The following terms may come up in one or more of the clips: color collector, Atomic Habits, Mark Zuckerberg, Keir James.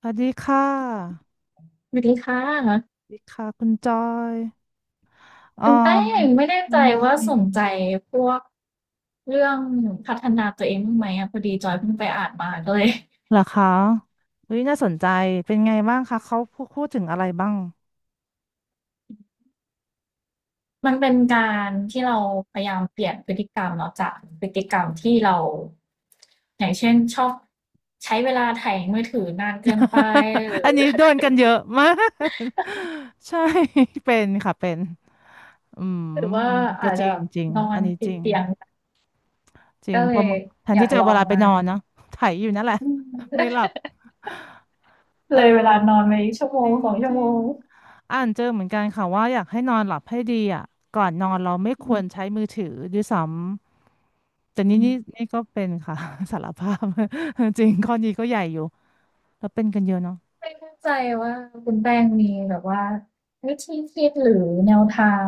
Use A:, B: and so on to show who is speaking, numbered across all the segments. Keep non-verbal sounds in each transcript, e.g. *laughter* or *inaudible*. A: สวัสดีค่ะ
B: สวัสดีค่ะ
A: สวัสดีค่ะคุณจอยอ๋อ
B: คุณแป้งไม่แน่
A: เป็
B: ใจ
A: นไ
B: ว่าสน
A: ง
B: ใจพวกเรื่องพัฒนาตัวเองบ้างไหมอ่ะพอดีจอยเพิ่งไปอ่านมาก็เลย *laughs*
A: เหรอคะเฮ้ยน่าสนใจ เป็นไงบ้างคะ เขาพูดถึงอะไรบ้าง
B: มันเป็นการที่เราพยายามเปลี่ยนพฤติกรรมเนาะจากพฤติกรรมที่เรา *laughs* อย่างเช่นชอบใช้เวลาไถมือถือนานเกินไปห
A: *laughs*
B: รื
A: อั
B: อ
A: นนี้
B: *laughs*
A: โดนกันเยอะมาก *laughs* ใช่ *laughs* เป็นค่ะเป็น อืม
B: หรือว่า
A: ก็
B: อาจ
A: จริ
B: จะ
A: งจริง
B: นอ
A: อั
B: น
A: นนี้จ
B: ติด
A: ริง
B: เตียง
A: จริง
B: ก็เล
A: เพอ
B: ย
A: แทน
B: อยา
A: ที่
B: ก
A: จะ
B: ล
A: เอาเว
B: อง
A: ลาไป
B: มา
A: นอนเนอะไถอยู่นั่นแหละ
B: อืม
A: ไม่ห
B: *laughs*
A: ลับ เออ
B: เลยเวลานอนไปชั่วโม
A: จ
B: ง
A: ริง
B: สองชั่
A: จ
B: ว
A: ริ
B: โม
A: ง
B: ง
A: อ่านเจอเหมือนกันค่ะว่าอยากให้นอนหลับให้ดีอ่ะก่อนนอนเราไม่คว
B: อ
A: รใช้มือถือด้วยซ้ำแต่นี่
B: ื
A: นี่
B: ม
A: นี่ก็เป็นค่ะ *laughs* สารภาพ *laughs* จริงข้อนี้ก็ใหญ่อยู่แล้วเป็นกันเยอะเนาะ
B: ไม่เข้าใจว่าคุณแป้งมีแบบว่าวิธีคิดหรือแนวทาง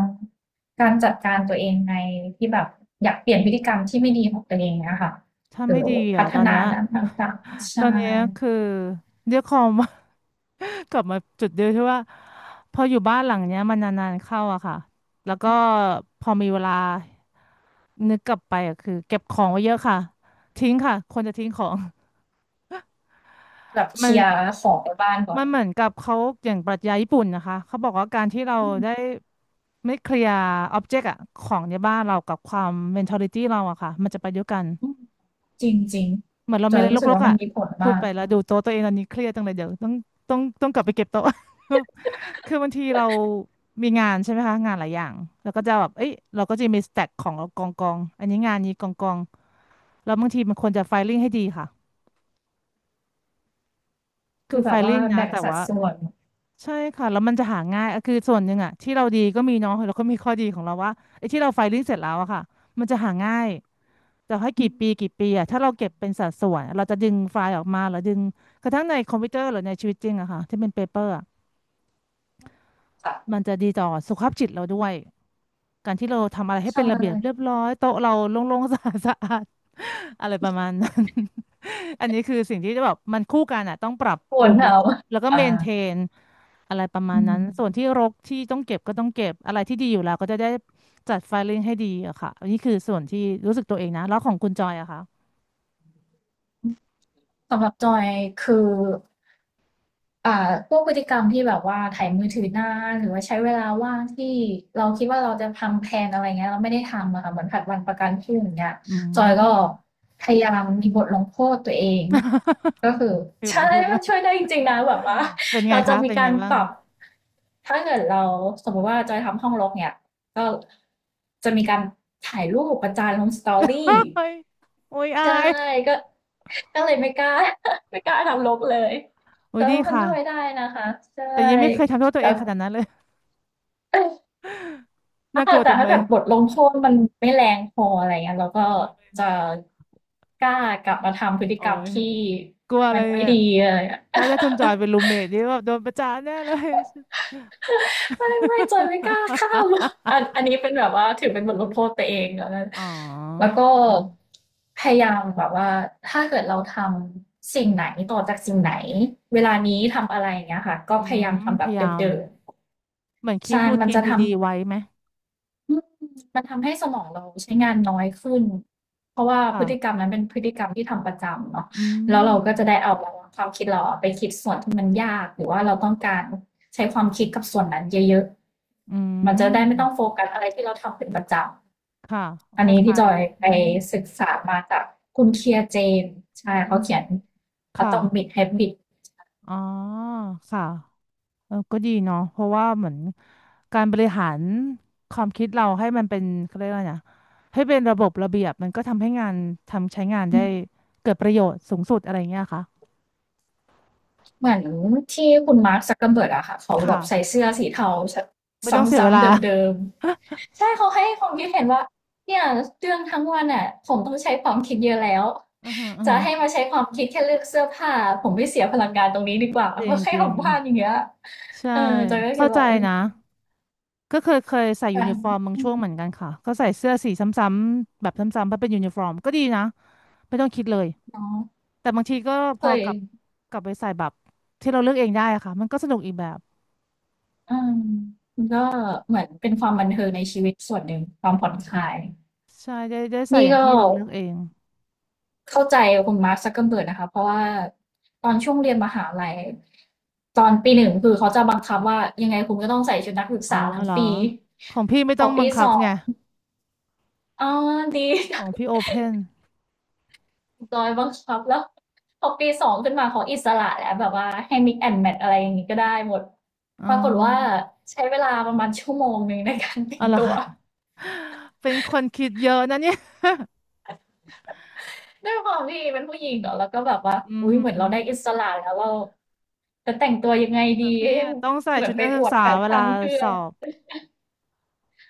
B: การจัดการตัวเองในที่แบบอยากเปลี่ยนพฤติกรรมที่ไม่ดีของตัวเองเนี่ยค่ะ
A: ถ้า
B: หรื
A: ไม่
B: อ
A: ดี
B: พั
A: อ่ะ
B: ฒ
A: ตอน
B: นา
A: เนี้ย
B: ด้านต่างๆ
A: ตอน
B: ใช่
A: เนี้ยคือเรียกคอม *laughs* กลับมาจุดเดียวที่ว่าพออยู่บ้านหลังเนี้ยมันนานๆเข้าอะค่ะแล้วก็พอมีเวลา นึกกลับไปอ่ะคือเก็บของไว้เยอะค่ะทิ้งค่ะคนจะทิ้งของ
B: แบบเค
A: มั
B: ลี
A: น
B: ยร์ของในบ้านก่อ
A: มั
B: น
A: นเหมือนกับเขาอย่างปรัชญาญี่ปุ่นนะคะเขาบอกว่าการที่เรา
B: อืม
A: ได้ไม่เคลียร์อ็อบเจกต์อะของในบ้านเรากับความเมนท a ลิตี้เราอะค่ะมันจะไปด้วยกัน
B: อืมจริงจริง
A: เหมือนเรา
B: จ
A: มี
B: อ
A: อะ
B: ย
A: ไร
B: รู้สึก
A: รก
B: ว่า
A: ๆ
B: มัน
A: อะ
B: มีผล
A: พูด
B: มาก
A: ไปแล้วดูโต๊ะตัวเองตอนนี้เครียดจังเลยเดี๋ยวต้องกลับไปเก็บโต๊ะ *laughs* คือบางทีเรามีงานใช่ไหมคะงานหลายอย่างแล้วก็จะแบบเอ้ยเราก็จะมีสแต็กของเรากองอันนี้งานนี้กองแล้วบางทีมันควรจะไฟลิ่งให้ดีค่ะ
B: คื
A: คื
B: อ
A: อ
B: แบ
A: ไฟ
B: บว่า
A: ลิ่งนะ
B: แบ่ง
A: แต่
B: สัด
A: ว่า
B: ส่วน
A: ใช่ค่ะแล้วมันจะหาง่ายอะคือส่วนหนึ่งอะที่เราดีก็มีเนาะแล้วก็มีข้อดีของเราว่าไอ้ที่เราไฟลิ่งเสร็จแล้วอะค่ะมันจะหาง่ายแต่ให้
B: อื
A: กี่
B: ม
A: ปีกี่ปีอะถ้าเราเก็บเป็นสัดส่วนเราจะดึงไฟล์ออกมาหรือดึงกระทั่งในคอมพิวเตอร์หรือในชีวิตจริงอะค่ะที่เป็นเปเปอร์
B: ค่ะ
A: มันจะดีต่อสุขภาพจิตเราด้วย การที่เราทำอะไรให้
B: ใช่
A: เป็นระเบียบเรียบร้อยโต๊ะเราโล่งๆ *laughs* สะอาดสะอาด *laughs* อะไรประมาณนั้น *laughs* อันนี้คือสิ่งที่แบบมันคู่กันอ่ะต้องปรับ
B: ค
A: ป
B: ว
A: รุ
B: ร
A: ง
B: เห
A: แล้ว
B: นาว
A: แล้วก็
B: อ่า
A: เมนเทนอะไรประมา
B: อื
A: ณนั้น
B: ม
A: ส่วนที่รกที่ต้องเก็บก็ต้องเก็บอะไรที่ดีอยู่แล้วก็จะได้จัดไฟลิ่งให้ดีอะค่ะอันนี้คือส่วนที่รู้สึกตัวเองนะแล้วของคุณจอยอะคะ
B: สำหรับจอยคือ อ่าพวกพฤติกรรมที่แบบว่าไถมือถือนานหรือว่าใช้เวลาว่างที่เราคิดว่าเราจะทำแพลนอะไรเงี้ยแล้วไม่ได้ทำอะค่ะเหมือนผลัดวันประกันพรุ่งอย่างเงี้ย
A: อื
B: จอยก็
A: ม
B: พยายามมีบทลงโทษตัวเอง
A: *laughs*
B: ก็คือ
A: ฟิวหล
B: ใช่
A: งโทษด้
B: มั
A: ว
B: น
A: ย
B: ช่วยได้จริงๆนะแบบว่า
A: เป็นไง
B: เราจะ
A: คะ
B: มี
A: เป็น
B: กา
A: ไง
B: ร
A: บ้า
B: ป
A: ง
B: รับถ้าเกิดเราสมมุติว่าจอยทำห้องรกเนี้ยก็จะมีการถ่ายรูปประจานลง Story
A: *laughs* เฮ้ *laughs* ยโอ้ยอา
B: ใช่
A: ย
B: ก็ก็เลยไม่กล้า *laughs* ไม่กล้าทำรกเลย
A: โอ้
B: แต่
A: ยดี
B: ว่ามัน
A: ค่ะ
B: ช่วยได้นะคะใช่
A: แต่ยังไม่เคยทำโทษตัว
B: แล้
A: เอ
B: ว
A: งขนาดนั้นเลย
B: *coughs*
A: *laughs*
B: ถ้า
A: น่าก
B: เกิ
A: ลั
B: ด
A: ว
B: แต่
A: จัง
B: ถ้า
A: เล
B: เกิ
A: ย
B: ดบทลงโทษมันไม่แรงพออะไรเงี้ยเราก็
A: โอ้ย
B: จะกล้ากลับมาทำพฤติ
A: โอ้
B: กรรม
A: ย
B: ที่
A: กลัวอะ
B: มั
A: ไร
B: นไม่
A: เนี่ย
B: ดีอะไรเงี้ย
A: ถ้าได้คุณจอยเป็นรูมเมทนี่แบบโดนประจานแน่เลย
B: ไม่จอยไม่กล้าข้า *laughs* มอันนี้เป็นแบบว่าถือเป็นบทลงโทษตัวเองแล้วนะ
A: *laughs* อ๋อ
B: แล้วก็
A: อืม
B: พยายามแบบว่าถ้าเกิดเราทำสิ่งไหนต่อจากสิ่งไหนเวลานี้ทำอะไรอย่างเงี้ยค่ะก็
A: อื
B: พยายาม
A: ม
B: ทำแบ
A: พ
B: บ
A: ยา
B: เ
A: ยาม
B: ดิม
A: เหมือนค
B: ๆ
A: ลิป
B: ใช่
A: รู
B: มัน
A: ทีน
B: จะทำ
A: ดีๆไว้ไหม
B: อืมมันทำให้สมองเราใช้งานน้อยขึ้น เพราะว่าพฤติกรร
A: ค่ะ
B: มนั้นเป็นพฤติกรรมที่ทำประจำเนาะ
A: อื
B: แล้วเราก็
A: ม
B: จะได้เอาความคิดเราอะไปคิดส่วนที่มันยากหรือว่าเราต้องการใช้ความคิดกับส่วนนั้นเยอะ
A: อื
B: ๆมันจะได้ไม่ต้อง
A: ม
B: โฟกัสอะไรที่เราทำเป็นประจ
A: ค่ะ
B: ำอั
A: ค
B: นนี้ที่
A: ล้า
B: จ
A: ย
B: อย
A: ๆอื
B: ไป
A: ม
B: ศึกษามาจากคุณ Keir James ใช่
A: อื
B: เขา
A: ม
B: เขียน
A: ค่ะ
B: Atomic Habits
A: อ๋อ ค่ะ เออก็ดีเนาะเพราะว่าเหมือนการบริหารความคิดเราให้มันเป็นเขาเรียกว่าไงนะให้เป็นระบบระเบียบมันก็ทำให้งานทำใช้งานได้เกิดประโยชน์สูงสุดอะไรเงี้ยค่ะ
B: เหมือนที่คุณมาร์คซักเกอร์เบิร์กอะค่ะเขา
A: ค
B: แบบใส่
A: ่ะ
B: เสื้อสีเทา
A: ไม่ต้องเสียเว
B: ซ้ำๆ
A: ลา
B: เดิมๆใช่เขาให้ความคิดเห็นว่าเนี่ยเรื่องทั้งวันอะผมต้องใช้ความคิดเยอะแล้ว
A: อือฮึอือ
B: จะ
A: ฮึ
B: ให้มาใช้ความคิดแค่เลือกเสื้อผ้าผมไม่เสียพลังงานตรงนี้ดีกว่า
A: จ
B: เพ
A: ริง
B: ราะให้
A: จริ
B: ผ
A: ง
B: มพลาดอย่างเงี้ย
A: ใช่
B: เออจอยก็คิ
A: เข้า
B: ด
A: ใจ
B: ว่าเออ
A: นะก็เคยใส่ยู
B: กา
A: นิ
B: ร
A: ฟอร์มบาง
B: อื
A: ช่
B: ม
A: วงเหมือนกันค่ะก็ใส่เสื้อสีซ้ำๆแบบซ้ำๆเพราะเป็นยูนิฟอร์มก็ดีนะไม่ต้องคิดเลย
B: เนาะ
A: แต่บางทีก็พ
B: เค
A: อ
B: ย
A: กลับไปใส่แบบที่เราเลือกเองได้อะค่ะมันก็สนุกอีกแบบ
B: อืมมันก็เหมือนเป็นความบันเทิงในชีวิตส่วนหนึ่งความผ่อนคลาย
A: ใช่ได้ใส่
B: นี่
A: อย่าง
B: ก็
A: ที่เราเลือกเอง
B: เข้าใจคุณมาร์คซักเกอร์เบิร์กนะคะเพราะว่าตอนช่วงเรียนมหาลัยตอนปีหนึ่งคือเขาจะบังคับว่ายังไงคุณก็ต้องใส่ชุดนักศึก
A: อ๋อ
B: ษาทั้ง
A: เหรอ
B: ปี
A: ของพี่ไม่
B: พ
A: ต้
B: อ
A: องบั
B: ปี
A: งคั
B: ส
A: บ
B: อง
A: ไง
B: อ๋อดี
A: ของ
B: *laughs*
A: พี่โอเพน
B: โดยบังคับแล้วพอปีสองขึ้นมาเขาอิสระแล้วแบบว่าให้ mix and match อะไรอย่างนี้ก็ได้หมด
A: อ๋
B: ปรากฏว่า
A: อ
B: ใช้เวลาประมาณชั่วโมงหนึ่งในการแต่
A: เอา
B: ง
A: เหรอ
B: ตัว
A: คะ *laughs* เป็นคนคิดเยอะนะเนี่ย
B: ด้วยความที่เป็นผู้หญิงเนาะแล้วก็แบบว่า
A: อืม
B: อุ้ยเหมือน
A: หื
B: เรา
A: ม
B: ได้อิสระแล้วเราจะแต่งตัวยังไงดี
A: แต่พี่
B: เอ๊
A: อะต้องใส่
B: เหมือ
A: ชุ
B: น
A: ด
B: ไป
A: นัก
B: อ
A: ศึก
B: วด
A: ษา
B: แฟ
A: เวลา
B: ชั่นเพื่อ
A: สอบ
B: น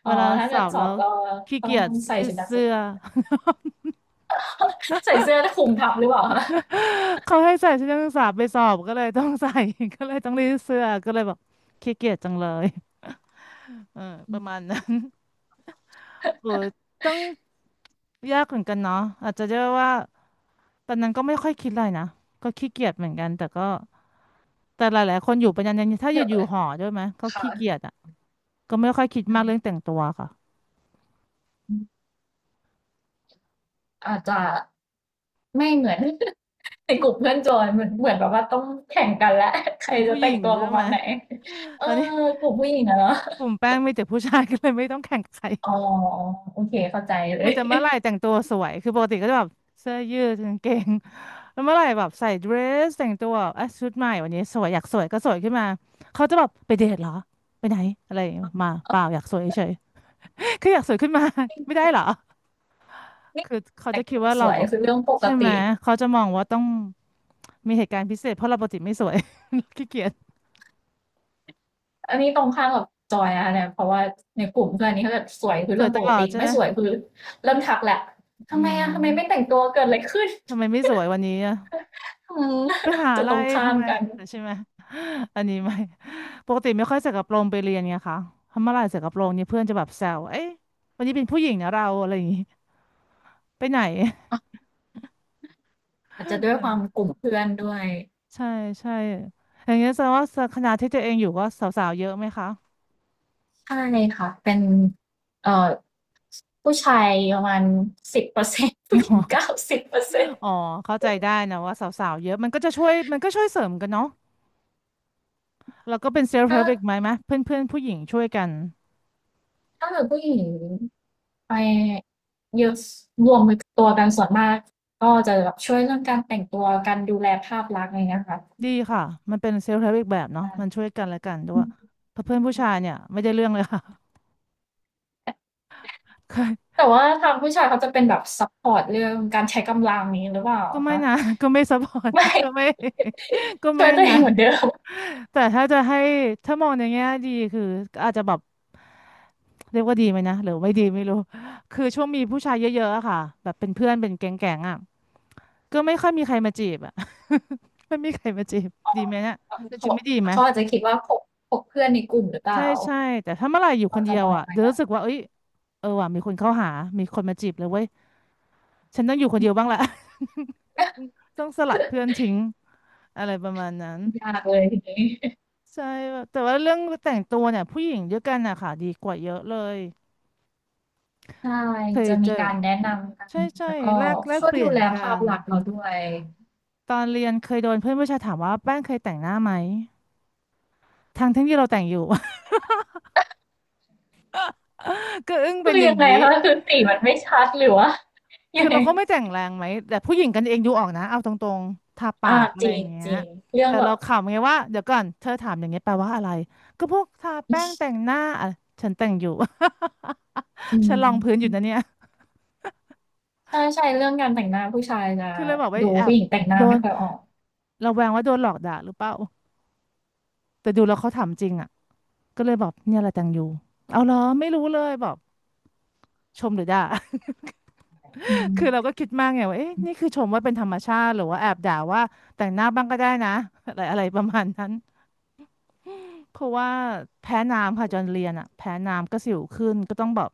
B: อ๋
A: เว
B: อ
A: ลา
B: ถ้า
A: ส
B: เกิ
A: อ
B: ด
A: บ
B: สอ
A: แล้
B: บ
A: ว
B: ก็
A: ขี้
B: ต้อ
A: เกี
B: ง
A: ยจ
B: ใส่
A: รี
B: ชุ
A: ด
B: ดนักศึ
A: เสื้
B: ก
A: อ
B: ษา
A: *laughs*
B: ใส่เสื้อคลุมทับหรือเปล่าคะ
A: เขาให้ใส่ชุดนักศึกษาไปสอบก็เลยต้องใส่ *laughs* ก็เลยต้องรีดเสื้อก็เลยบอกขี้เกียจจังเลยเออ
B: อื
A: ป
B: ม
A: ระมาณนั้น โอ้ยต้องยากเหมือนกันเนาะอาจจะเรียกว่าตอนนั้นก็ไม่ค่อยคิดอะไรนะก็ขี้เกียจเหมือนกันแต่ก็แต่หลายๆคนอยู่เป็นยันถ้าอ
B: เดี๋
A: ยู่
B: ยว
A: อยู่หอด้วยไหมก็ขี้เกี
B: ค่ะ
A: ยจอ่ะก็ไม่ค่อยคิด
B: อื
A: มากเรื่องแต่งตัวค่ะ
B: มอาจจะไม่เหมือน *laughs* ในกลุ่มเพื่อนจอยเหมือนแบบว่าต้องแข่งกันและ *laughs* ใคร
A: เป็น
B: จะ
A: ผู้ห
B: แต่ง
A: ญิง
B: ตัว
A: ด้
B: ป
A: วย
B: ระ
A: ไห
B: มา
A: ม
B: ณไหนเออ
A: ตอนนี้
B: กลุ่มผู้หญิงอะเนาะ
A: กลุ่มแป้งมีแต่ผู้ชาย *laughs* ก็เลยไม่ต้องแข่งกับใคร
B: อ๋อโอเคเข้าใจเล
A: มี
B: ย
A: แต่เมื่อไหร่แต่งตัวสวย คือปกติก็จะแบบเสื้อยืดกางเกง *laughs* แล้วเมื่อไหร่แบบใส่เดรสแต่งตัวแบบอ่ะชุดใหม่วันนี้สวยอยากสวยก็สวยขึ้นมาเขาจะแบบไปเดทเหรอไปไหนอะไรอย่างเงี้ยมาเปล่าอยากสวยเฉย *laughs* ๆคืออยากสวยขึ้นมา *laughs* ไม่ได้เหรอ
B: *laughs* นี่
A: คือเขา
B: แต่
A: จะ
B: ง
A: คิด
B: ตัว
A: ว่า
B: ส
A: เรา
B: วย
A: แบบ
B: คือเรื่องปก
A: ใช่ไหม
B: ติ
A: เขาจะมองว่าต้องมีเหตุการณ์พิเศษเพราะเราปกติไม่สวย *laughs* ขี้เกียจ
B: อันนี้ตรงข้ามกับจอยนะคะเนี่ยเพราะว่าในกลุ่มเพื่อนนี่เขาจะสวยคือ
A: ส
B: เรื่
A: ว
B: อ
A: ย
B: ง
A: ต
B: ปก
A: ลอ
B: ติ
A: ดใช่
B: ไม่
A: ไหม
B: สวยคือเริ่มทักแหละทำ
A: อื
B: ไม
A: ม
B: อะทำไมไม่แต่งตัวเกิดอะไรขึ้น
A: ทำไมไม่สวยวันนี้อะ ไปหา
B: *laughs* จะ
A: อะไร
B: ตรงข้า
A: ทำ
B: ม
A: ไม
B: กัน
A: ใช่ไหม *laughs* อันนี้ไม่ *laughs* ปกติไม่ค่อยใส่กระโปรงไปเรียนไงคะทำอะไรใส่กระโปรงเนี่ยเพื่อนจะแบบแซวเอ้ยวันนี้เป็นผู้หญิงนะเราอะไรอย่างงี้ไปไหน
B: ออาจจะด้วยความ
A: *laughs*
B: กลุ่มเพื่อนด้วย
A: ใช่ใช่อย่างเงี้ยแสดงว่าคณะที่ตัวเองอยู่ก็สาวๆเยอะไหมคะ
B: ใช่ค่ะเป็นเอ่อผู้ชายประมาณสิบเปอร์เซ็นต์ผู้ห
A: *laughs*
B: ญิ
A: อ๋
B: ง
A: อ
B: 90%
A: อ๋อเข้าใจได้นะว่าสาวๆเยอะมันก็จะช่วยมันก็ช่วยเสริมกันเนาะแล้วก็เป็นเซลฟ์เฮ
B: ถ้า
A: ล์อีกไหมเพื่อนๆผู้หญิงช่วยกัน
B: ถ้าเกิดผู้หญิงไปเยอะรวมตัวกันส่วนมากก็จะแบบช่วยเรื่องการแต่งตัวการดูแลภาพลักษณ์อะไรเงี้ยค่
A: ดีค่ะมันเป็นเซลฟ์เฮล์อีกแบบเนาะ
B: ะ
A: มันช่วยกันและกันด้
B: อื
A: วย
B: ม
A: เพราะเพื่อนผู้ชายเนี่ยไม่ได้เรื่องเลยค่ะ *laughs* เคย
B: แต่ว่าทางผู้ชายเขาจะเป็นแบบซัปพอร์ตเรื่องการใช้กำลังนี้หรือเปล่า
A: ก็ไม่
B: คะ
A: นะ *laughs* ก็ไม่ซัพพอร์ต
B: ไม่
A: *laughs* ก็ไม่ *laughs* ก็
B: *laughs* ช่ว
A: ไม่
B: ยตัวเอ
A: นะ
B: งเหมือนเดิม
A: แต่ถ้าจะให้ถ้ามองในแง่ดีคืออาจจะแบบเรียกว่าดีไหมนะหรือไม่ดีไม่รู้คือช่วงมีผู้ชายเยอะๆอะค่ะแบบเป็นเพื่อนเป็นแก๊งๆอะก็ไม่ค่อยมีใครมาจีบอะ *laughs* ไม่มีใครมาจีบดีไหมเนี่ย
B: เ
A: แต่จริง
B: ขา
A: ไม่ดีไหม
B: อาจจะคิดว่าพกเพื่อนในกลุ่มหรือเป
A: ใช่
B: ล่า
A: ใช่แต่ถ้าเมื่อไหร่อยู่ค
B: เขา
A: นเดี
B: จะ
A: ยว
B: มอง
A: อะ
B: ไหม
A: เดี๋ยว
B: คะ
A: รู้สึกว่าเอ้ยเออว่ะมีคนเข้าหามีคนมาจีบเลยเว้ยฉันต้องอยู่คนเดียวบ้างแหละ *laughs* ต้องสลัดเพื่อนทิ้งอะไรประมาณนั้น
B: ยากเลยทีนี้
A: ใช่แบบแต่ว่าเรื่องแต่งตัวเนี่ยผู้หญิงด้วยกันอะค่ะดีกว่าเยอะเลย
B: ใช่
A: เคย
B: จะมี
A: เจอ
B: การแนะนำกัน
A: ใช่ใช่
B: แล้วก็
A: แลกแลก
B: ช่วย
A: เปลี่
B: ดู
A: ยน
B: แล
A: กั
B: ภาพ
A: น
B: ลักษณ์เราด้วย
A: ตอนเรียนเคยโดนเพื่อนผู้ชายถามว่าแป้งเคยแต่งหน้าไหมทั้งที่เราแต่งอยู่ *laughs* ก็อึ้ง
B: คื
A: เป็น
B: อ
A: หนึ่
B: ยั
A: ง
B: งไง
A: วิ
B: คะคือสีมันไม่ชัดหรือว่ายั
A: คือ
B: งไง
A: เราก็ไม่แต่งแรงไหมแต่ผู้หญิงกันเองดูออกนะเอาตรงๆทาปา
B: อา
A: กอะ
B: จ
A: ไรอย่างเงี้ย
B: ริงๆเรื่อง
A: แต่
B: แบ
A: เรา
B: บ
A: ขำไงว่าเดี๋ยวก่อนเธอถามอย่างเงี้ยแปลว่าอะไรก็พวกทาแป้งแต่งหน้าอะฉันแต่งอยู่
B: อื
A: *laughs* ฉันลองพื้นอยู่นะ
B: ม
A: เนี่ย
B: ใช่ใช่เรื่องการแต่งหน้าผู้ชายจะ
A: คือเลยบอกว่า
B: ดู
A: แอ
B: ผู้
A: บ
B: หญิงแต่งหน้า
A: โด
B: ไม่
A: น
B: ค่อยออก
A: เราแวงว่าโดนหลอกด่าหรือเปล่าแต่ดูแล้วเขาถามจริงอ่ะก็เลยบอกเนี่ยแหละแตงยูเอาเหรอไม่รู้เลยบอกชมหรือด่า
B: อื
A: *laughs* คือเรา
B: ม
A: ก็คิดมากไงว่าเอ๊ะนี่คือชมว่าเป็นธรรมชาติหรือว่าแอบด่าว่าแต่งหน้าบ้างก็ได้นะ *laughs* อะไรอะไรประมาณนั้น เพราะว่าแพ้น้ำค่ะจอนเรียนอ่ะแพ้น้ำก็สิวขึ้นก็ต้องแบบ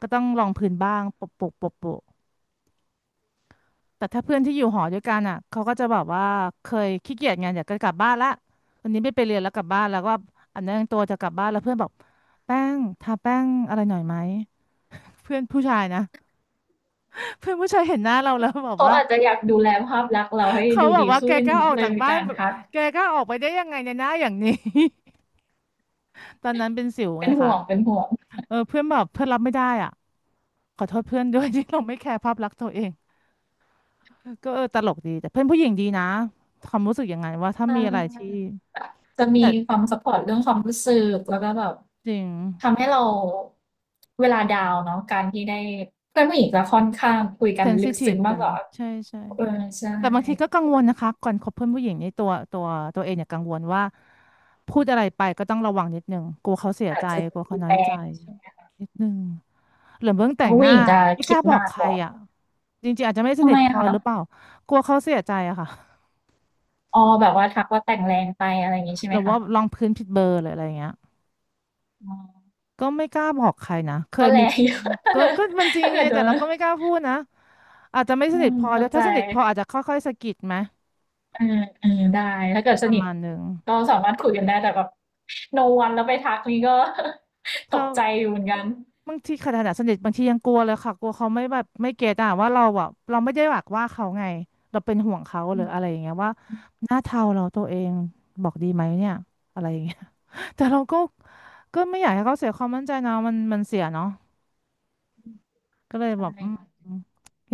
A: ก็ต้องลองพื้นบ้างโปะโปะโปะโปะ แต่ถ้าเพื่อนที่อยู่หอด้วยกันอ่ะเขาก็จะแบบว่าเคยขี้เกียจไงอยากจะกลับบ้านละวันนี้ไม่ไปเรียนแล้วกลับบ้านแล้วก็อันนั้นตัวจะกลับบ้านแล้วเพื่อนบอกแป้งทาแป้งอะไรหน่อยไหมเพื่อนผู้ชายนะ *laughs* เพื่อนผู้ชายเห็นหน้าเราแล้วบอก
B: เขา
A: ว่า
B: อาจจะอยากดูแลภาพลักษณ์เราให้
A: เขา
B: ดู
A: บอก
B: ดี
A: ว่าแก
B: ขึ้น
A: กล้าออก
B: เลย
A: จาก
B: มี
A: บ้าน
B: การ
A: แบบ
B: ทัก
A: แกกล้าออกไปได้ยังไงในหน้าอย่างนี้ *laughs* ตอนนั้นเป็นสิว
B: เป็
A: ไง
B: นห่
A: คะ
B: วงเป็นห่วง
A: เออเพื่อนแบบเพื่อนรับไม่ได้อ่ะขอโทษเพื่อนด้วย *laughs* ที่เราไม่แคร์ภาพลักษณ์ตัวเองก็เออตลกดีแต่เพื่อนผู้หญิงดีนะความรู้สึกอย่างไงว่าถ้า
B: อ่
A: มีอะไรที่
B: าแบบจะมี
A: แต่
B: ความซัพพอร์ตเรื่องความรู้สึกแล้วก็แบบ
A: จริง
B: ทำให้เราเวลาดาวน์เนาะการที่ได้เพื่อนผู้หญิงจะค่อนข้างคุยกั
A: เซ
B: น
A: น
B: ลึ
A: ซิ
B: ก
A: ทีฟ
B: ซึ้งมาก
A: กัน
B: กว่า
A: ใช่ใช่
B: เออใช่
A: แต่บางทีก็กังวลนะคะก่อนคบเพื่อนผู้หญิงนี่ตัวเองเนี่ยกังวลว่าพูดอะไรไปก็ต้องระวังนิดนึงกลัวเขาเสีย
B: อา
A: ใจ
B: จจะด
A: กลัวเขา
B: ู
A: น้อ
B: แร
A: ยใจ
B: งใช่ไหม
A: นิดนึงหรือเบื้อง
B: เพ
A: แต่
B: ราะ
A: งห
B: ผู้
A: น้า
B: หญิงจะ
A: ไม่ก
B: คิด
A: ล้าบอก
B: มาก
A: ใค
B: ก
A: ร
B: ว่า
A: อ่ะจริงๆอาจจะไม่ส
B: ทำ
A: นิ
B: ไม
A: ทพ
B: อะ
A: อ
B: คะ
A: หรือเปล่ากลัวเขาเสียใจอะค่ะ
B: อ๋อแบบว่าทักว่าแต่งแรงไปอะไรอย่างงี้ใช่
A: ห
B: ไหม
A: รือ
B: คะ
A: ว่าลองพื้นผิดเบอร์หรืออะไรอย่างเงี้ย
B: อ๋อ
A: ก็ไม่กล้าบอกใครนะเค
B: ก็
A: ย
B: แร
A: มี
B: งอยู่
A: ก็
B: *laughs*
A: มันจริง
B: ถ้าเกิ
A: ไง
B: ดถ้าเกิดโด
A: แต่
B: น
A: เราก็ไม่กล้าพูดนะอาจจะไม่
B: อื
A: สนิท
B: ม
A: พอด้
B: เข้า
A: วย
B: ใจ
A: ถ้าสนิทพออาจจะค่อยๆสะกิดไหม
B: เออเออได้ถ้าเกิดส
A: ประ
B: นิท
A: มาณหนึ่ง
B: ก็สามารถคุยกันได้แต่แบบ no one แล้วไปทักนี่ก็
A: เธ
B: *laughs* ตก
A: อ
B: ใจอยู่เหมือนกัน
A: บางทีขนาดสนิทบางทียังกลัวเลยค่ะกลัวเขาไม่แบบไม่เก็ตอ่ะว่าเราอ่ะเราไม่ได้หวักว่าเขาไงเราเป็นห่วงเขาห
B: อื
A: รือ
B: ม
A: อะไรอย่างเงี้ยว่าหน้าเทาเราตัวเองบอกดีไหมเนี่ยอะไรอย่างเงี้ย *laughs* แต่เราก็ก็ไม่อยากให้เขาเสียความมั่นใจนะมันเสียเนาะก็เลย
B: ใช่
A: แบบอืม
B: ค่ะ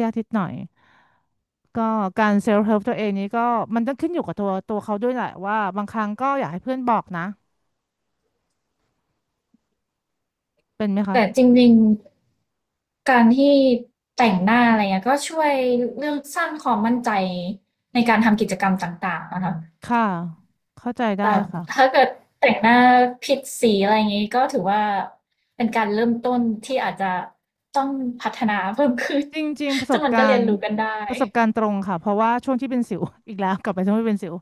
A: ยากนิดหน่อยก็การเซลฟ์เฮลป์ตัวเองนี้ก็มันต้องขึ้นอยู่กับตัวเขาด้วยแหละว่าบางครั้งก็อยากให้เพื่อนบอกนะเป็นไหมคะ
B: แต่จริงๆการที่แต่งหน้าอะไรเงี้ยก็ช่วยเรื่องสร้างความมั่นใจในการทำกิจกรรมต่างๆนะคะ
A: ค่ะเข้าใจได้
B: แต่
A: ค่ะ
B: ถ้าเกิดแต่งหน้าผิดสีอะไรอย่างนี้ก็ถือว่าเป็นการเริ่มต้นที่อาจจะต้องพัฒนาเพิ่มขึ้น
A: จริงๆป
B: *laughs*
A: ระส
B: จึง
A: บ
B: มัน
A: กา
B: ก็เรี
A: ร
B: ยน
A: ณ์
B: รู้กันได้
A: ประสบการณ์ตรงค่ะเพราะว่าช่วงที่เป็นสิว *laughs* อีกแล้วกลับไปช่วงที่เป็นสิว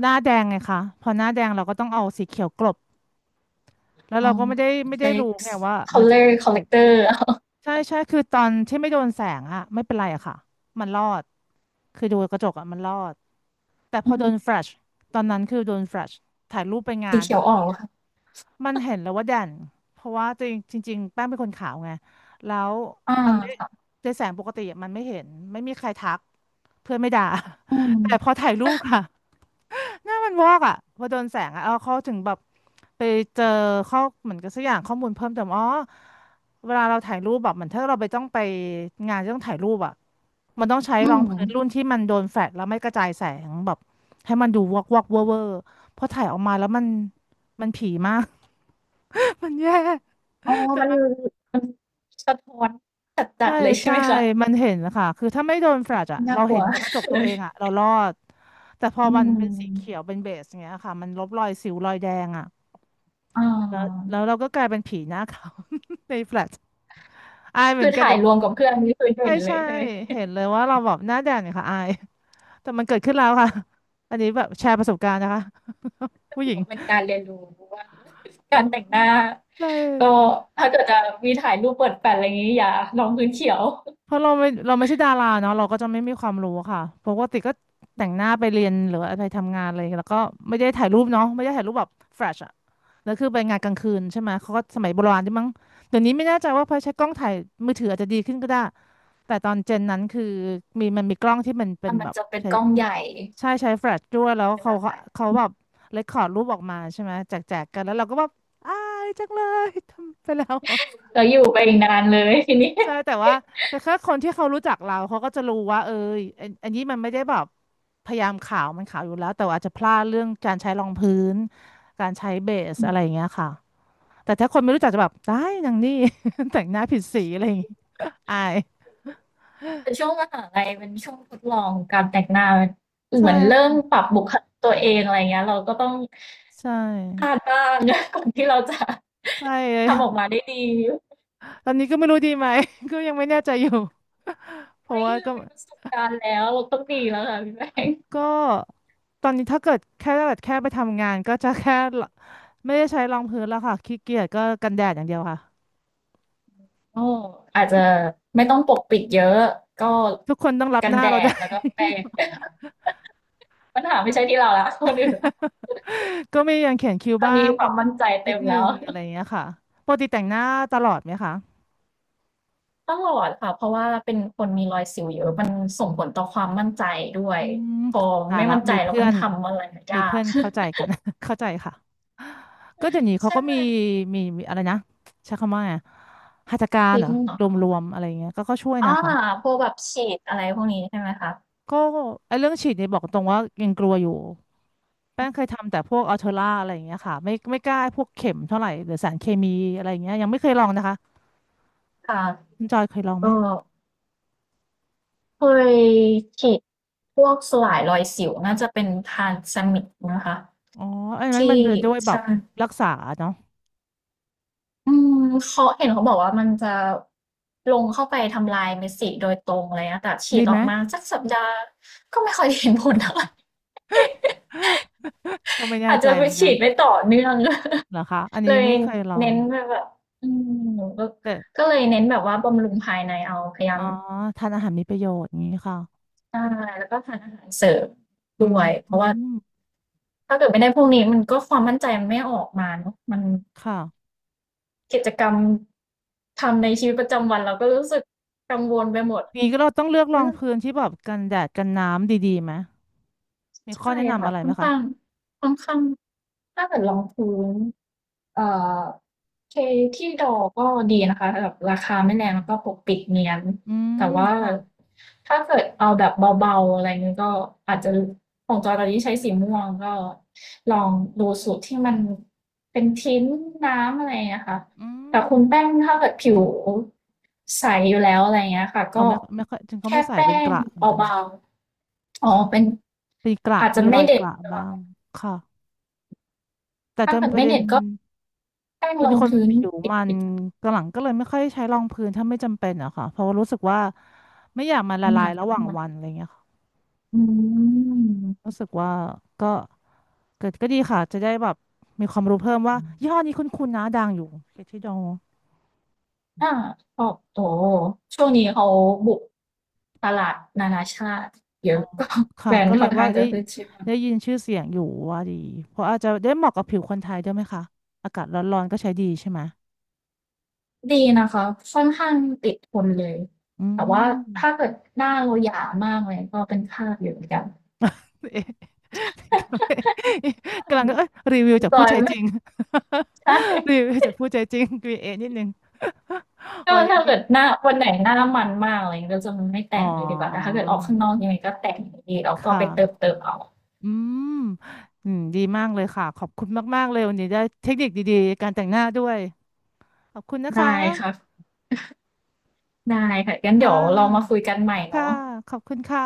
A: หน้าแดงไงคะพอหน้าแดงเราก็ต้องเอาสีเขียวกลบแล้ว
B: ล
A: เรา
B: อง
A: ก็ไม่ได้
B: ใช้
A: รู้ไงว่ามันจะมี
B: color
A: เอ
B: c
A: ฟ
B: o l
A: เฟ
B: l e c
A: ก
B: t
A: ต์
B: o r เอา
A: ใช่ใช่คือตอนที่ไม่โดนแสงอะไม่เป็นไรอะค่ะมันรอดคือดูกระจกอะมันรอดแต่พ
B: อื
A: อโด
B: ม
A: นแฟลชตอนนั้นคือโดนแฟลชถ่ายรูปไปงา
B: สี
A: น
B: เขีย
A: อะ
B: ว
A: ไร่
B: ออกเหรอค่ะ
A: มันเห็นแล้วว่าแดนเพราะว่าจริงจริงๆแป้งเป็นคนขาวไงแล้ว
B: อ่า
A: มันไม่
B: ค่ะ
A: ในแสงปกติอะมันไม่เห็นไม่มีใครทัก เพื่อนไม่ด่า
B: อื
A: *laughs* แต่พอ
B: ม
A: ถ่ายรูปค่ะหน้ามันวอกอ่ะพอโดนแสงอ่ะเอาเขาถึงแบบไปเจอข้อเหมือนกับสักอย่างข้อมูลเพิ่มเติมอ๋อเวลาเราถ่ายรูปแบบเหมือนถ้าเราไปต้องไปงานที่ต้องถ่ายรูปอ่ะมันต้องใช้
B: อื
A: รอง
B: ม
A: พื้นรุ่นที่มันโดนแฟลชแล้วไม่กระจายแสงแบบให้มันดูวอกวอกเวอร์เวอร์พอถ่ายออกมาแล้วมันผีมาก *laughs* มันแย่
B: อ๋อมันมันสะท้อนจั
A: ใช่
B: ดๆเลยใช่
A: ใช่
B: ไหมคะ
A: มันเห็นนะคะคือถ้าไม่โดนแฟลชอะ
B: น่า
A: เรา
B: กลั
A: เห็
B: ว
A: นในกระจก
B: เล
A: ตัว
B: ย
A: เองอะเรารอด แต่พอ
B: อื
A: มันเป็นสีเขี
B: ม
A: ยวเป็นเบสอย่างเงี้ยค่ะมันลบรอยสิวรอยแดงอะ
B: อ่า
A: แล้วแล้วเราก็กลายเป็นผีหน้าขาว *laughs* ในแฟลชอายเห
B: คื
A: มือ
B: อ
A: นกัน
B: ถ่าย
A: แต่
B: รวมกับเพื่อนนี่คือเห็
A: ใช่
B: นเล
A: ใช่
B: ยใช่ไหม
A: เห็นเลยว่าเราแบบหน้าแดงเนี่ยค่ะอาย แต่มันเกิดขึ้นแล้วค่ะ อันนี้แบบแชร์ประสบการณ์นะคะ *laughs*
B: ก็
A: ผู้ห
B: ถื
A: ญิ
B: อ
A: ง
B: ว่าเป็นการเรียนรู้ว่า
A: เอ
B: กา
A: อ
B: รแต่งหน้า
A: ใช่
B: ก็ถ้าเกิดจะมีถ่ายรูปเปิดแฟลชอะไรอย่างงี้อย่าลงพื้นเขียว
A: เพราะเราไม่ใช่ดาราเนาะเราก็จะไม่มีความรู้ค่ะปกติก็แต่งหน้าไปเรียนหรือว่าไปทำงานเลยแล้วก็ไม่ได้ถ่ายรูปเนาะไม่ได้ถ่ายรูปแบบแฟลชอะแล้วคือไปงานกลางคืนใช่ไหมเขาก็สมัยโบราณใช่มั้งเดี๋ยวนี้ไม่แน่ใจว่าพอใช้กล้องถ่ายมือถืออาจจะดีขึ้นก็ได้แต่ตอนเจนนั้นคือมีมันมีกล้องที่มันเป็
B: อ่ะ
A: น
B: มั
A: แบ
B: น
A: บ
B: จะเป็น
A: ใช้
B: กล้องใหญ่
A: ใช่ใช้แฟลชด้วยแล้ว
B: ใช่ไหม
A: เขาเขา
B: คะ
A: เขาแบบเรคคอร์ดรูปออกมาใช่ไหมแจกกันแล้วเราก็แบบอายจังเลยทำไปแล้ว
B: แล้วอยู่ไปอีกนานเลยทีนี้
A: ใช่แต่ว่าแต่แค่คนที่เขารู้จักเราเขาก็จะรู้ว่าเอออันนี้มันไม่ได้แบบพยายามขาวมันขาวอยู่แล้วแต่ว่าอาจจะพลาดเรื่องการใช้รองพื้นการใช้เบส
B: อื
A: อะ
B: ม
A: ไรอย่างเงี้ยค่ะแต่ถ้าคนไม่รู้จักจะแบบได้นางนี่ *laughs* แต่งหน้าผิดสีอะไรอย่างงี้อาย
B: แต่ช่วงมหาลัยเป็นช่วงทดลองการแต่งหน้าเห
A: ใช่
B: มือนเริ่ม
A: ค่ะ
B: ปรับบุคลิกตัวเองอะไรเงี้ยเราก็ต้อง
A: ใช
B: พลา
A: ่
B: ดบ้าง *laughs* ก่อนที่เราจะ
A: ใช่เลย
B: ทำ
A: *laughs*
B: ออกมาได้ดี
A: ตอนนี้ก็ไม่รู้ดีไหม *laughs* ก็ยังไม่แน่ใจอยู่เพราะ
B: ไม่
A: ว่าก็
B: เรามีประสบการณ์แล้วเราต้องดีแล้วค่ะพี่แป้ง
A: ก็ตอนนี้ถ้าเกิดแค่ถ้าเกิดแค่ไปทำงานก็จะแค่ไม่ได้ใช้รองพื้นแล้วค่ะขี้เกียจก็กันแดดอย่างเดียวค่ะ
B: ก็อาจจะไม่ต้องปกปิดเยอะก็
A: ทุกคนต้องรับ
B: กัน
A: หน้า
B: แด
A: เราได้
B: ดแล้วก็แปรง
A: *laughs*
B: *laughs* ปัญหาไม่ใช่ที่เราละคนอื่นละ
A: ก็มียังเขียนคิ้ว
B: ตอน
A: บ้า
B: นี้
A: ง
B: ค
A: แบ
B: วาม
A: บ
B: มั่นใจ
A: นิ
B: เต็
A: ด
B: ม
A: นึ
B: แล้ว
A: งอะไรอย่างเงี้ยค่ะปกติแต่งหน้าตลอดไหมคะ
B: ต้องหลอดค่ะเพราะว่าเป็นคนมีรอยสิวเยอะมันส่งผลต่อความมั่นใจด้วย
A: อืม
B: พอ
A: ตาย
B: ไม่
A: ละ
B: มั่นใจ
A: มี
B: แล้ว
A: เพื่
B: มั
A: อ
B: น
A: น
B: ทำอะไร
A: มี
B: ยา
A: เพื่
B: ก
A: อนเข้าใจกัน *laughs* เข้าใจค่ะก็เดี๋ยวนี้
B: *laughs*
A: เขา
B: ใช่
A: ก็
B: ไหม
A: มีอะไรนะใช้คำว่าไงหัตถการเห
B: ทิ้
A: ร
B: ง
A: อ
B: เหรอ
A: ร
B: คะ
A: วมๆอะไรอย่างเงี้ยก็ช่วย
B: อ่า
A: นะคะ
B: พวกแบบฉีดอะไรพวกนี้ใช่ไหมคะ
A: ก็ไอ้เรื่องฉีดเนี่ยบอกตรงว่ายังกลัวอยู่แป้งเคยทำแต่พวกอัลเทอร่าอะไรอย่างเงี้ยค่ะไม่กล้าพวกเข็มเท่าไหร่หรือสารเคมีอะไรอย่างเงี้ยยังไม่เคยลองนะคะ
B: ค่ะ
A: คุณจอยเคยลองไหม
B: ก็เคยฉีดพวกสลายรอยสิวน่าจะเป็นทานซามิกนะคะ
A: อ๋ออันนั้นมั
B: ที่
A: นเป็นด้วยแบ
B: ใช่
A: บรักษาเนาะ
B: อืมเขาเห็นเขาบอกว่ามันจะลงเข้าไปทำลายเม็ดสีโดยตรงอะไรเงี้ยแต่ฉี
A: ดี
B: ดอ
A: ไหม
B: อกมาสักสัปดาห์ก็ไม่ค่อยเห็นผลเท่าไร *laughs*
A: ก็ไม่แน่
B: อาจ
A: ใจ
B: จะไป
A: เหมือนกั
B: ฉี
A: น
B: ดไม่ต่อเนื่อง
A: เหรอคะอัน
B: *laughs*
A: นี้
B: เล
A: ยัง
B: ย
A: ไม่เคยลอ
B: เน้
A: ง
B: นไปแบบอืมก็
A: แต่
B: ก็เลยเน้นแบบว่าบำรุงภายในเอาพยายา
A: อ๋
B: ม
A: อทานอาหารมีประโยชน์อย่างนี้ค่ะ
B: ใช่แล้วก็ทานอาหารเสริม
A: อื
B: ด้
A: ม
B: วยเพ
A: อื
B: ราะว่า
A: ม
B: ถ้าเกิดไม่ได้พวกนี้มันก็ความมั่นใจมันไม่ออกมาเนาะมัน
A: ค่ะ
B: กิจกรรมทำในชีวิตประจำวันเราก็รู้สึกกังวลไปหมด
A: อย่างนี้ก็เราต้องเลือกร
B: มั
A: อ
B: น
A: งพื้นที่แบบกันแดดกันน้ำดีๆไหมมีข้อ
B: ใช่
A: แนะนำ
B: ค่ะ
A: อะไร
B: ค่
A: ไห
B: อ
A: ม
B: น
A: คะ
B: ข้างค่อนข้าง ถ้าเกิดรองพื้นเอ่อเคที่ดอก็ดีนะคะแบบราคาไม่แรงแล้วก็ปกปิดเนียน
A: อื
B: แต่
A: ม
B: ว่า
A: ค่ะ
B: ถ้าเกิดเอาแบบเบาๆอะไรเงี้ยก็อาจจะของจอตอนนี้ใช้สีม่วงก็ลองดูสูตรที่มันเป็นทิ้นน้ำอะไรเงี้ยค่ะ
A: อื
B: แต่
A: ม
B: คุณแป้งถ้าเกิดผิวใสอยู่แล้วอะไรเงี้ยค่ะ
A: เอา
B: ก็
A: ไม่ค่อยจริงเขา
B: แค่
A: ไม่ใส่เป็
B: แป้
A: นก
B: ง
A: ระเหมือนกัน
B: เบาๆอ๋อ
A: ค่ะ
B: เป็น
A: ปีกระ
B: อาจจะ
A: มีร
B: ไม่
A: อยก
B: เด็ด
A: ระบ้างค่ะแต่
B: ถ้าเกิ
A: จำ
B: ด
A: ประ
B: ไม่
A: เด็
B: เด็
A: น
B: ดก็ แป้ง
A: เป็
B: ร
A: น
B: อง
A: คน
B: พื้น
A: ผิว
B: ปิด
A: มันกหลังก็เลยไม่ค่อยใช้รองพื้นถ้าไม่จำเป็นอะค่ะเพราะว่ารู้สึกว่าไม่อยากมันละ
B: น้ำห
A: ลาย
B: นัก
A: ระห
B: ขึ้
A: ว่า
B: น
A: ง
B: มา
A: วันอะไรเงี้ยค่ะ
B: อืม
A: รู้สึกว่าก็เกิดก็ดีค่ะจะได้แบบมีความรู้เพิ่มว่ายี่ห้อนี้คุ้นๆนะดังอยู่เคที่ดอง
B: อาชอบโตช่วงนี้เขาบุกตลาดนานาชาติเยอะก็แบ
A: ค่ะ
B: รน
A: ก็
B: ด์
A: เล
B: ค่
A: ย
B: อนข้า
A: ว่า
B: งจะ
A: ได้
B: ขึ้นชื่อ
A: ได้ยินชื่อเสียงอยู่ว่าดีเพราะอาจจะได้เหมาะกับผิวคนไทยด้วยไหมคะอากาศร้อนๆก็ใช้ดีใช่ไหม
B: ดีนะคะค่อนข้างติดทนเลย
A: อื
B: แต่ว่าถ้า
A: ม
B: เกิดหน้าเราหยามากเลยก็เป็นคราบอยู่เหมือนกัน
A: *laughs* กำลังเอ้ยรีวิวจาก
B: จ
A: ผู้
B: อย
A: ใช้จ
B: ไม่
A: ริง
B: ใช่
A: *laughs* รีวิวจากผู้ใช้จริง QA นิดนึง *laughs*
B: ก็
A: วันนี้
B: ถ้า
A: นี
B: เกิดหน้าวันไหนหน้ามันมากอะไรอย่างเงี้ยก็จะไม่
A: อ๋
B: แต่
A: อ
B: งเลยดีกว่าแต่ถ้าเกิดออกข้างนอกยังไงก็แต่งอยู่ดีแล้วก็ไป
A: ค่ะ
B: เติมเติมเอา
A: อืมอืมดีมากเลยค่ะขอบคุณมากๆเลยวันนี้ได้เทคนิคดีๆการแต่งหน้าด้วยขอบคุณนะ
B: ได้
A: คะ
B: ค่ะ ได้ค่ะงั้นเดี๋
A: ค่ะ
B: ยวเรามาคุยกันใหม่
A: ค่ะ
B: เนาะ
A: ขอบคุณค่ะ